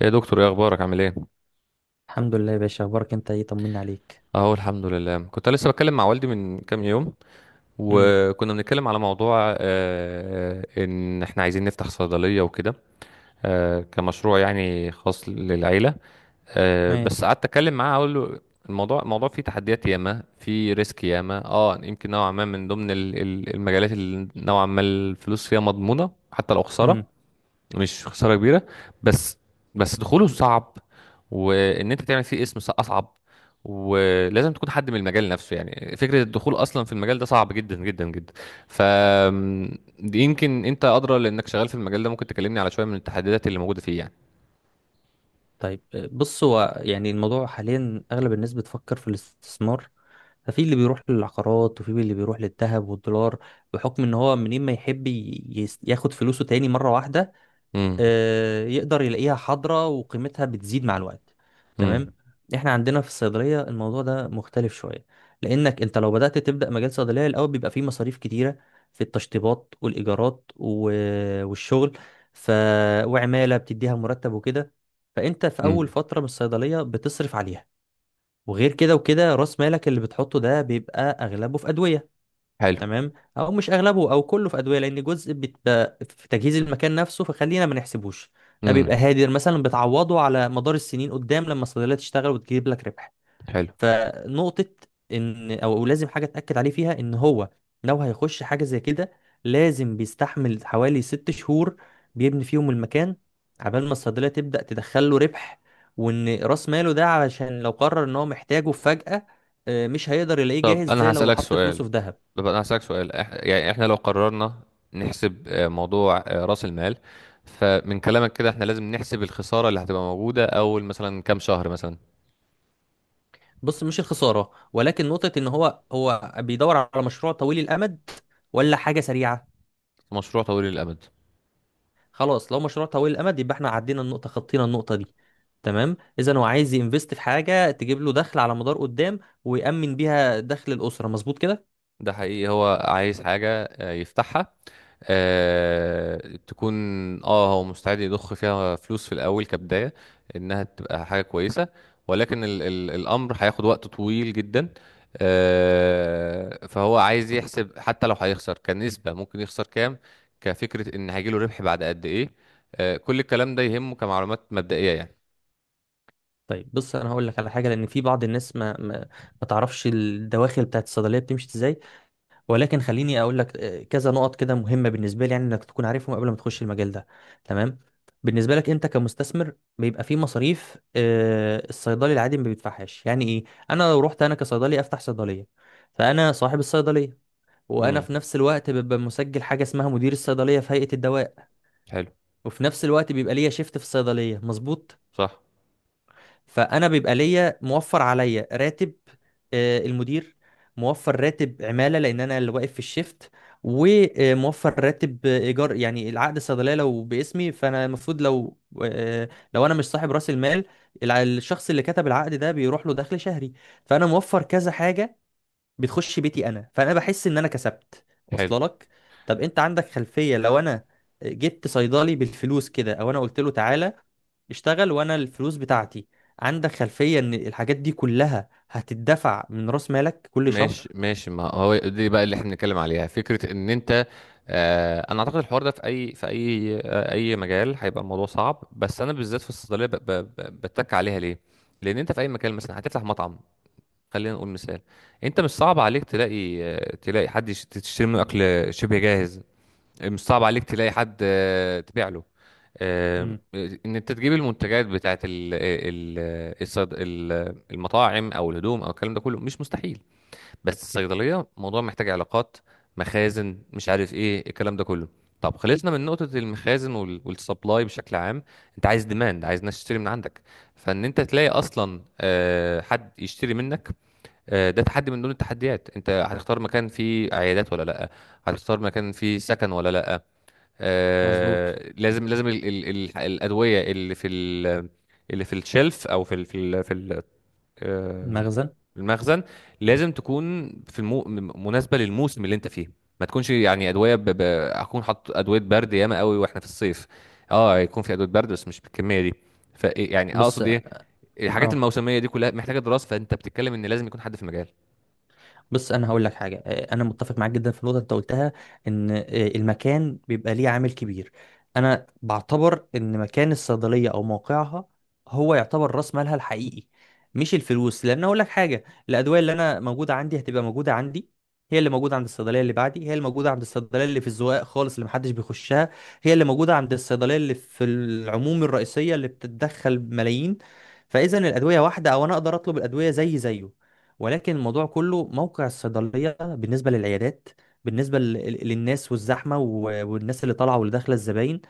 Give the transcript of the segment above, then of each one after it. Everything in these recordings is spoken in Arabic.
يا دكتور، ايه اخبارك؟ عامل ايه؟ الحمد لله يا باشا، اخبارك انت ايه؟ طمنا عليك. اهو الحمد لله. كنت لسه بتكلم مع والدي من كام يوم، امم. وكنا بنتكلم على موضوع ان احنا عايزين نفتح صيدليه وكده، كمشروع يعني خاص للعيله. تمام. بس قعدت اتكلم معاه اقول له: الموضوع فيه تحديات ياما، فيه ريسك ياما، يمكن نوعا ما من ضمن المجالات اللي نوعا ما الفلوس فيها مضمونه حتى لو خساره. امم. مش خسارة كبيرة. بس بس دخوله صعب، وان انت تعمل فيه اسم اصعب. ولازم تكون حد من المجال نفسه. يعني فكرة الدخول اصلا في المجال ده صعب جدا جدا جدا. ف م، دي يمكن انت ادرى لانك شغال في المجال ده. ممكن تكلمني على شوية من التحديات اللي موجودة فيه يعني؟ طيب، بص هو يعني الموضوع حاليا اغلب الناس بتفكر في الاستثمار. ففي اللي بيروح للعقارات وفي اللي بيروح للذهب والدولار، بحكم ان هو منين ما يحب ياخد فلوسه تاني مرة واحدة امم. يقدر يلاقيها حاضرة وقيمتها بتزيد مع الوقت. امم. تمام. احنا عندنا في الصيدلية الموضوع ده مختلف شوية، لانك انت لو بدأت تبدأ مجال صيدلية، الاول بيبقى فيه مصاريف كتيرة في التشطيبات والايجارات والشغل. ف... وعمالة بتديها مرتب وكده، فانت في امم. اول فترة من الصيدلية بتصرف عليها. وغير كده وكده راس مالك اللي بتحطه ده بيبقى اغلبه في ادوية. حلو. تمام. او مش اغلبه، او كله في ادويه، لان جزء بيبقى في تجهيز المكان نفسه، فخلينا ما نحسبوش. ده امم. بيبقى هادر مثلا بتعوضه على مدار السنين قدام لما الصيدليه تشتغل وتجيب لك ربح. حلو. فنقطه ان او لازم حاجه اتاكد عليه فيها ان هو لو هيخش حاجه زي كده، لازم بيستحمل حوالي ست شهور بيبني فيهم المكان عبال ما الصيدليه تبدا تدخل له ربح. وان راس ماله ده علشان لو قرر ان هو محتاجه فجاه، مش هيقدر يلاقيه طب جاهز انا زي لو هسألك حط سؤال. فلوسه في دهب. يعني احنا لو قررنا نحسب موضوع رأس المال، فمن كلامك كده احنا لازم نحسب الخسارة اللي هتبقى موجودة اول مثلا كام شهر مثلا. بص، مش الخساره، ولكن نقطه ان هو هو بيدور على مشروع طويل الامد ولا حاجه سريعه. في مشروع طويل الامد. خلاص، لو مشروع طويل الامد، يبقى احنا عدينا النقطه، خطينا النقطه دي. تمام. اذا هو عايز ينفست في حاجه تجيب له دخل على مدار قدام ويأمن بيها دخل الاسره مظبوط كده. ده حقيقي هو عايز حاجة يفتحها، آه تكون، اه هو مستعد يضخ فيها فلوس في الاول كبدايه انها تبقى حاجه كويسه، ولكن ال ال الامر هياخد وقت طويل جدا. فهو عايز يحسب حتى لو هيخسر كنسبه ممكن يخسر كام، كفكره ان هيجيله ربح بعد قد ايه. كل الكلام ده يهمه كمعلومات مبدئيه يعني. طيب بص، انا هقول لك على حاجه، لان في بعض الناس ما تعرفش الدواخل بتاعت الصيدليه بتمشي ازاي. ولكن خليني اقول لك كذا نقط كده مهمه بالنسبه لي، يعني انك تكون عارفهم قبل ما تخش المجال ده. تمام. بالنسبه لك انت كمستثمر، بيبقى في مصاريف الصيدلي العادي ما بيدفعهاش. يعني ايه؟ انا لو رحت انا كصيدلي افتح صيدليه، فانا صاحب الصيدليه، وانا امم. في نفس الوقت ببقى مسجل حاجه اسمها مدير الصيدليه في هيئه الدواء. حلو. وفي نفس الوقت بيبقى ليا شيفت في الصيدليه مظبوط. صح. فانا بيبقى ليا موفر عليا راتب المدير، موفر راتب عماله لان انا اللي واقف في الشيفت، وموفر راتب ايجار، يعني العقد الصيدليه لو باسمي فانا المفروض لو آه، لو انا مش صاحب راس المال، الشخص اللي كتب العقد ده بيروح له دخل شهري. فانا موفر كذا حاجه بتخش بيتي انا، فانا بحس ان انا كسبت. واصله حلو. لك؟ طب انت عندك خلفيه لو انا جبت صيدلي بالفلوس كده، او انا قلت له تعالى اشتغل وانا الفلوس بتاعتي، عندك خلفية ان الحاجات دي كلها هتدفع من راس مالك كل ماشي، شهر؟ ماشي، ما هو دي بقى اللي احنا بنتكلم عليها. فكره ان انت - انا اعتقد الحوار ده في اي اي مجال هيبقى الموضوع صعب، بس انا بالذات في الصيدليه بتك عليها ليه؟ لان انت في اي مكان، مثلا هتفتح مطعم، خلينا نقول مثال، انت مش صعب عليك تلاقي تلاقي حد تشتري منه اكل شبه جاهز. مش صعب عليك تلاقي حد تبيع له. آه، امم. ان انت تجيب المنتجات بتاعت المطاعم او الهدوم او الكلام ده كله مش مستحيل. بس الصيدليه موضوع محتاج علاقات، مخازن، مش عارف ايه الكلام ده كله. طب خلصنا من نقطه المخازن والسبلاي بشكل عام. انت عايز ديماند، عايز ناس تشتري من عندك. فان انت تلاقي اصلا حد يشتري منك، ده تحدي من ضمن التحديات. انت هتختار مكان فيه عيادات ولا لا؟ هتختار مكان فيه سكن ولا لا؟ مظبوط. لازم، لازم ال ال ال الادويه اللي في اللي في الشلف او في ال آه، المخزن. المخزن، لازم تكون في مناسبة للموسم اللي انت فيه. ما تكونش يعني ادوية اكون حاطط ادوية برد ياما قوي واحنا في الصيف. اه يكون في ادوية برد بس مش بالكمية دي. ف إيه، يعني بس اقصد ايه. الحاجات اه. الموسمية دي كلها محتاجة دراسة. فانت بتتكلم ان لازم يكون حد في المجال. بص انا هقول لك حاجه، انا متفق معاك جدا في النقطه اللي انت قلتها، ان المكان بيبقى ليه عامل كبير. انا بعتبر ان مكان الصيدليه او موقعها هو يعتبر راس مالها الحقيقي، مش الفلوس. لان اقول لك حاجه، الادويه اللي انا موجوده عندي هتبقى موجوده عندي، هي اللي موجوده عند الصيدليه اللي بعدي، هي اللي موجوده عند الصيدليه اللي في الزقاق خالص اللي محدش بيخشها، هي اللي موجوده عند الصيدليه اللي في العموم الرئيسيه اللي بتتدخل ملايين. فاذا الادويه واحده، او انا اقدر اطلب الادويه زي زيه. ولكن الموضوع كله موقع الصيدلية بالنسبة للعيادات، بالنسبة للناس والزحمة والناس اللي طالعة واللي داخلة الزباين.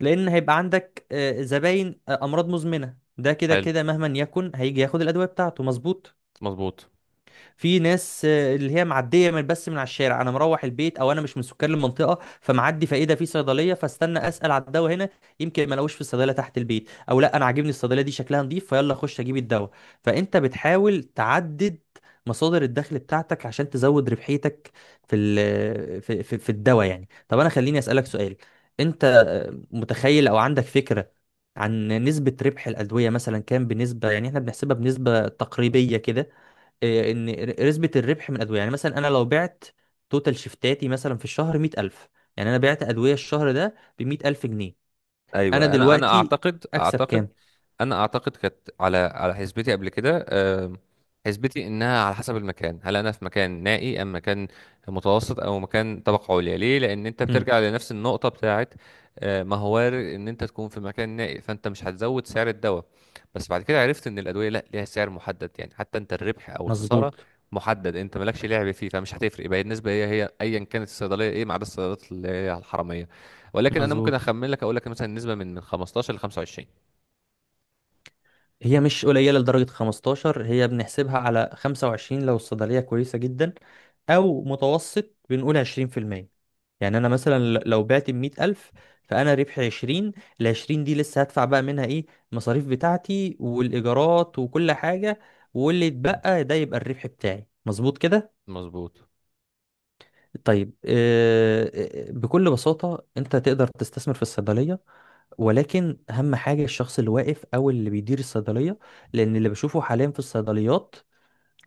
لأن هيبقى عندك زباين أمراض مزمنة، ده كده حلو. كده مهما يكن هيجي ياخد الأدوية بتاعته مظبوط. مظبوط. في ناس اللي هي معديه من بس من على الشارع، انا مروح البيت او انا مش من سكان المنطقه فمعدي، فايه ده، في صيدليه، فاستنى اسال على الدواء هنا. يمكن ما الاقوش في الصيدليه تحت البيت، او لا انا عاجبني الصيدليه دي شكلها نظيف فيلا اخش اجيب الدواء. فانت بتحاول تعدد مصادر الدخل بتاعتك عشان تزود ربحيتك في ال- في في, في الدواء. يعني طب انا خليني اسالك سؤال، انت متخيل او عندك فكره عن نسبة ربح الأدوية مثلا كام بنسبة؟ يعني احنا بنحسبها بنسبة تقريبية كده ان نسبه الربح من الادويه. يعني مثلا انا لو بعت توتال شيفتاتي مثلا في الشهر 100,000، يعني انا بعت ادويه الشهر ده ب 100,000 جنيه، انا ايوه، دلوقتي اكسب كام؟ انا اعتقد كانت، على حسبتي قبل كده، حسبتي انها على حسب المكان. هل انا في مكان نائي، ام مكان متوسط، او مكان طبقه عليا؟ ليه؟ لان انت امم. بترجع لنفس النقطه بتاعت - ما هو وارد ان انت تكون في مكان نائي فانت مش هتزود سعر الدواء. بس بعد كده عرفت ان الادويه لا، ليها سعر محدد. يعني حتى انت الربح او الخساره مظبوط. محدد، انت مالكش لعب فيه. فمش هتفرق. يبقى النسبه هي هي ايا كانت الصيدليه ايه، ما عدا الصيدليات اللي هي الحراميه. ولكن انا ممكن مظبوط. اخمن لك، اقول لك مثلا نسبه من 15 ل 25. هي مش قليلة لدرجة 15، هي بنحسبها على 25 لو الصيدلية كويسة جدا، أو متوسط بنقول 20%. يعني أنا مثلا لو بعت بمية ألف، فأنا ربحي 20. العشرين دي لسه هدفع بقى منها إيه؟ المصاريف بتاعتي والإيجارات وكل حاجة، واللي اتبقى ده يبقى الربح بتاعي مظبوط كده؟ مظبوط. طيب، بكل بساطة أنت تقدر تستثمر في الصيدلية. ولكن اهم حاجه الشخص اللي واقف او اللي بيدير الصيدليه. لان اللي بشوفه حاليا في الصيدليات،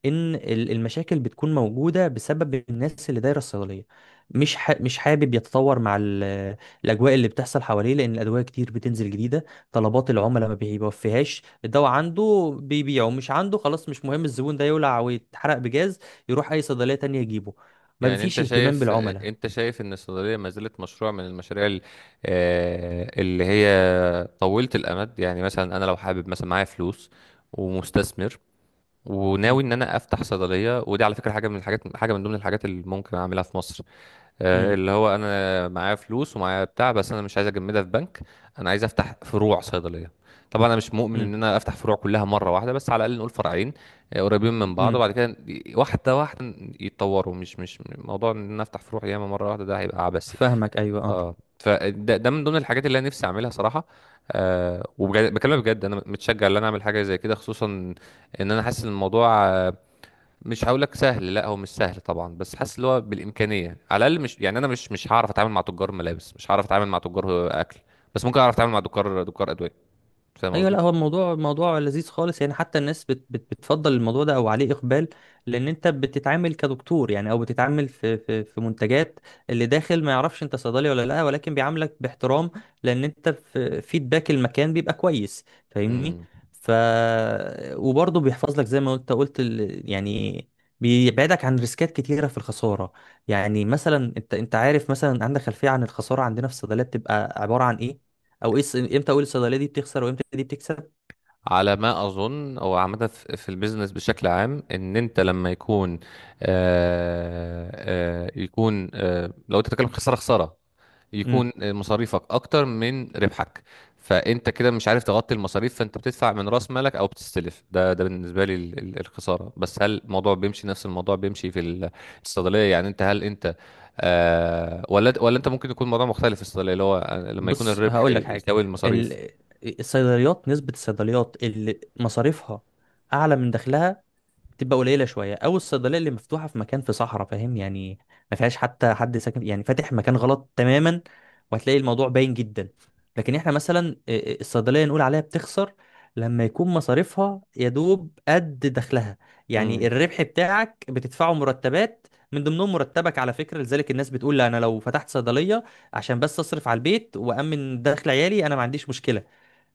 ان المشاكل بتكون موجوده بسبب الناس اللي دايره الصيدليه. مش حابب يتطور مع الاجواء اللي بتحصل حواليه، لان الادويه كتير بتنزل جديده. طلبات العملاء ما بيوفيهاش، الدواء عنده بيبيعه، مش عنده خلاص مش مهم، الزبون ده يولع ويتحرق بجاز، يروح اي صيدليه تانية يجيبه. ما يعني فيش انت اهتمام شايف بالعملاء. انت شايف ان الصيدليه ما زالت مشروع من المشاريع اللي هي طويله الامد؟ يعني مثلا انا لو حابب، مثلا معايا فلوس ومستثمر، وناوي امم. ان انا افتح صيدليه. ودي على فكره حاجه من الحاجات، حاجه من ضمن الحاجات اللي ممكن اعملها في مصر. امم. اللي هو انا معايا فلوس ومعايا بتاع، بس انا مش عايز اجمدها في بنك. انا عايز افتح فروع صيدليه. طبعا انا مش مؤمن امم. ان انا افتح فروع كلها مره واحده، بس على الاقل نقول فرعين، قريبين من بعض، امم، وبعد كده واحده واحده يتطوروا. مش موضوع ان انا افتح فروع ياما مره واحده، ده هيبقى عبثي. فاهمك. ايوه، اه. اه فده من ضمن الحاجات اللي انا نفسي اعملها صراحه. وبجد بكلمك، بجد انا متشجع ان انا اعمل حاجه زي كده، خصوصا ان انا حاسس ان الموضوع - مش هقولك سهل، لا هو مش سهل طبعا، بس حاسس اللي هو بالامكانيه على الاقل. مش يعني انا مش هعرف اتعامل مع تجار ملابس، مش هعرف اتعامل مع تجار اكل. بس ممكن اعرف اتعامل مع دكار ادويه. فاهم ايوه، قصدي؟ لا هو الموضوع موضوع لذيذ خالص يعني، حتى الناس بت بت بتفضل الموضوع ده او عليه اقبال، لان انت بتتعامل كدكتور يعني، او بتتعامل في منتجات. اللي داخل ما يعرفش انت صيدلي ولا لا، ولكن بيعاملك باحترام، لان انت في فيدباك المكان بيبقى كويس. فاهمني؟ امم. ف وبرضه بيحفظ لك زي ما انت قلت يعني بيبعدك عن ريسكات كتيره في الخساره. يعني مثلا انت انت عارف مثلا عندك خلفيه عن الخساره عندنا في الصيدليات بتبقى عباره عن ايه؟ او ايه امتى اقول الصيدليه دي بتخسر وامتى دي بتكسب؟ على ما اظن، او عامه في البيزنس بشكل عام، ان انت لما يكون - يكون لو انت بتتكلم خساره، امم. يكون مصاريفك اكتر من ربحك، فانت كده مش عارف تغطي المصاريف، فانت بتدفع من راس مالك او بتستلف. ده بالنسبه لي الخساره. بس هل الموضوع بيمشي، نفس الموضوع بيمشي في الصيدليه؟ يعني انت هل انت - ولا انت ممكن يكون الموضوع مختلف في الصيدليه، اللي هو لما يكون بص الربح هقول لك حاجه، يساوي المصاريف. ال- الصيدليات، نسبه الصيدليات اللي مصاريفها اعلى من دخلها تبقى قليله شويه. او الصيدليه اللي مفتوحه في مكان في صحراء، فاهم يعني، ما فيهاش حتى حد ساكن، يعني فاتح مكان غلط تماما، وهتلاقي الموضوع باين جدا. لكن احنا مثلا إيه، إيه، الصيدليه نقول عليها بتخسر لما يكون مصاريفها يا دوب قد دخلها. يعني الربح بتاعك بتدفعه مرتبات، من ضمنهم مرتبك على فكره. لذلك الناس بتقول لا انا لو فتحت صيدليه عشان بس اصرف على البيت وامن دخل عيالي انا ما عنديش مشكله.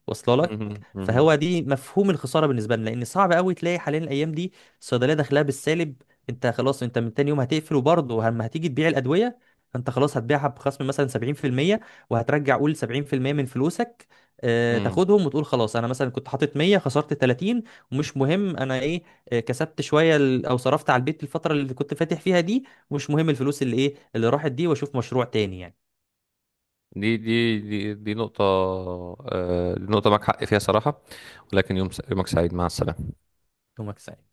واصله لك؟ امم. فهو دي مفهوم الخساره بالنسبه لنا، لان صعب قوي تلاقي حاليا الايام دي الصيدليه داخلها بالسالب. انت خلاص انت من تاني يوم هتقفل، وبرضه لما هتيجي تبيع الادويه فانت خلاص هتبيعها بخصم مثلا 70%، وهترجع قول 70% من فلوسك امم. تاخدهم وتقول خلاص. انا مثلا كنت حاطط 100 خسرت 30، ومش مهم انا ايه كسبت شويه او صرفت على البيت الفتره اللي كنت فاتح فيها دي، ومش مهم الفلوس اللي ايه اللي راحت دي، واشوف مشروع تاني يعني. دي نقطة معك حق فيها صراحة. ولكن يومك سعيد. مع السلامة. يومك سعيد.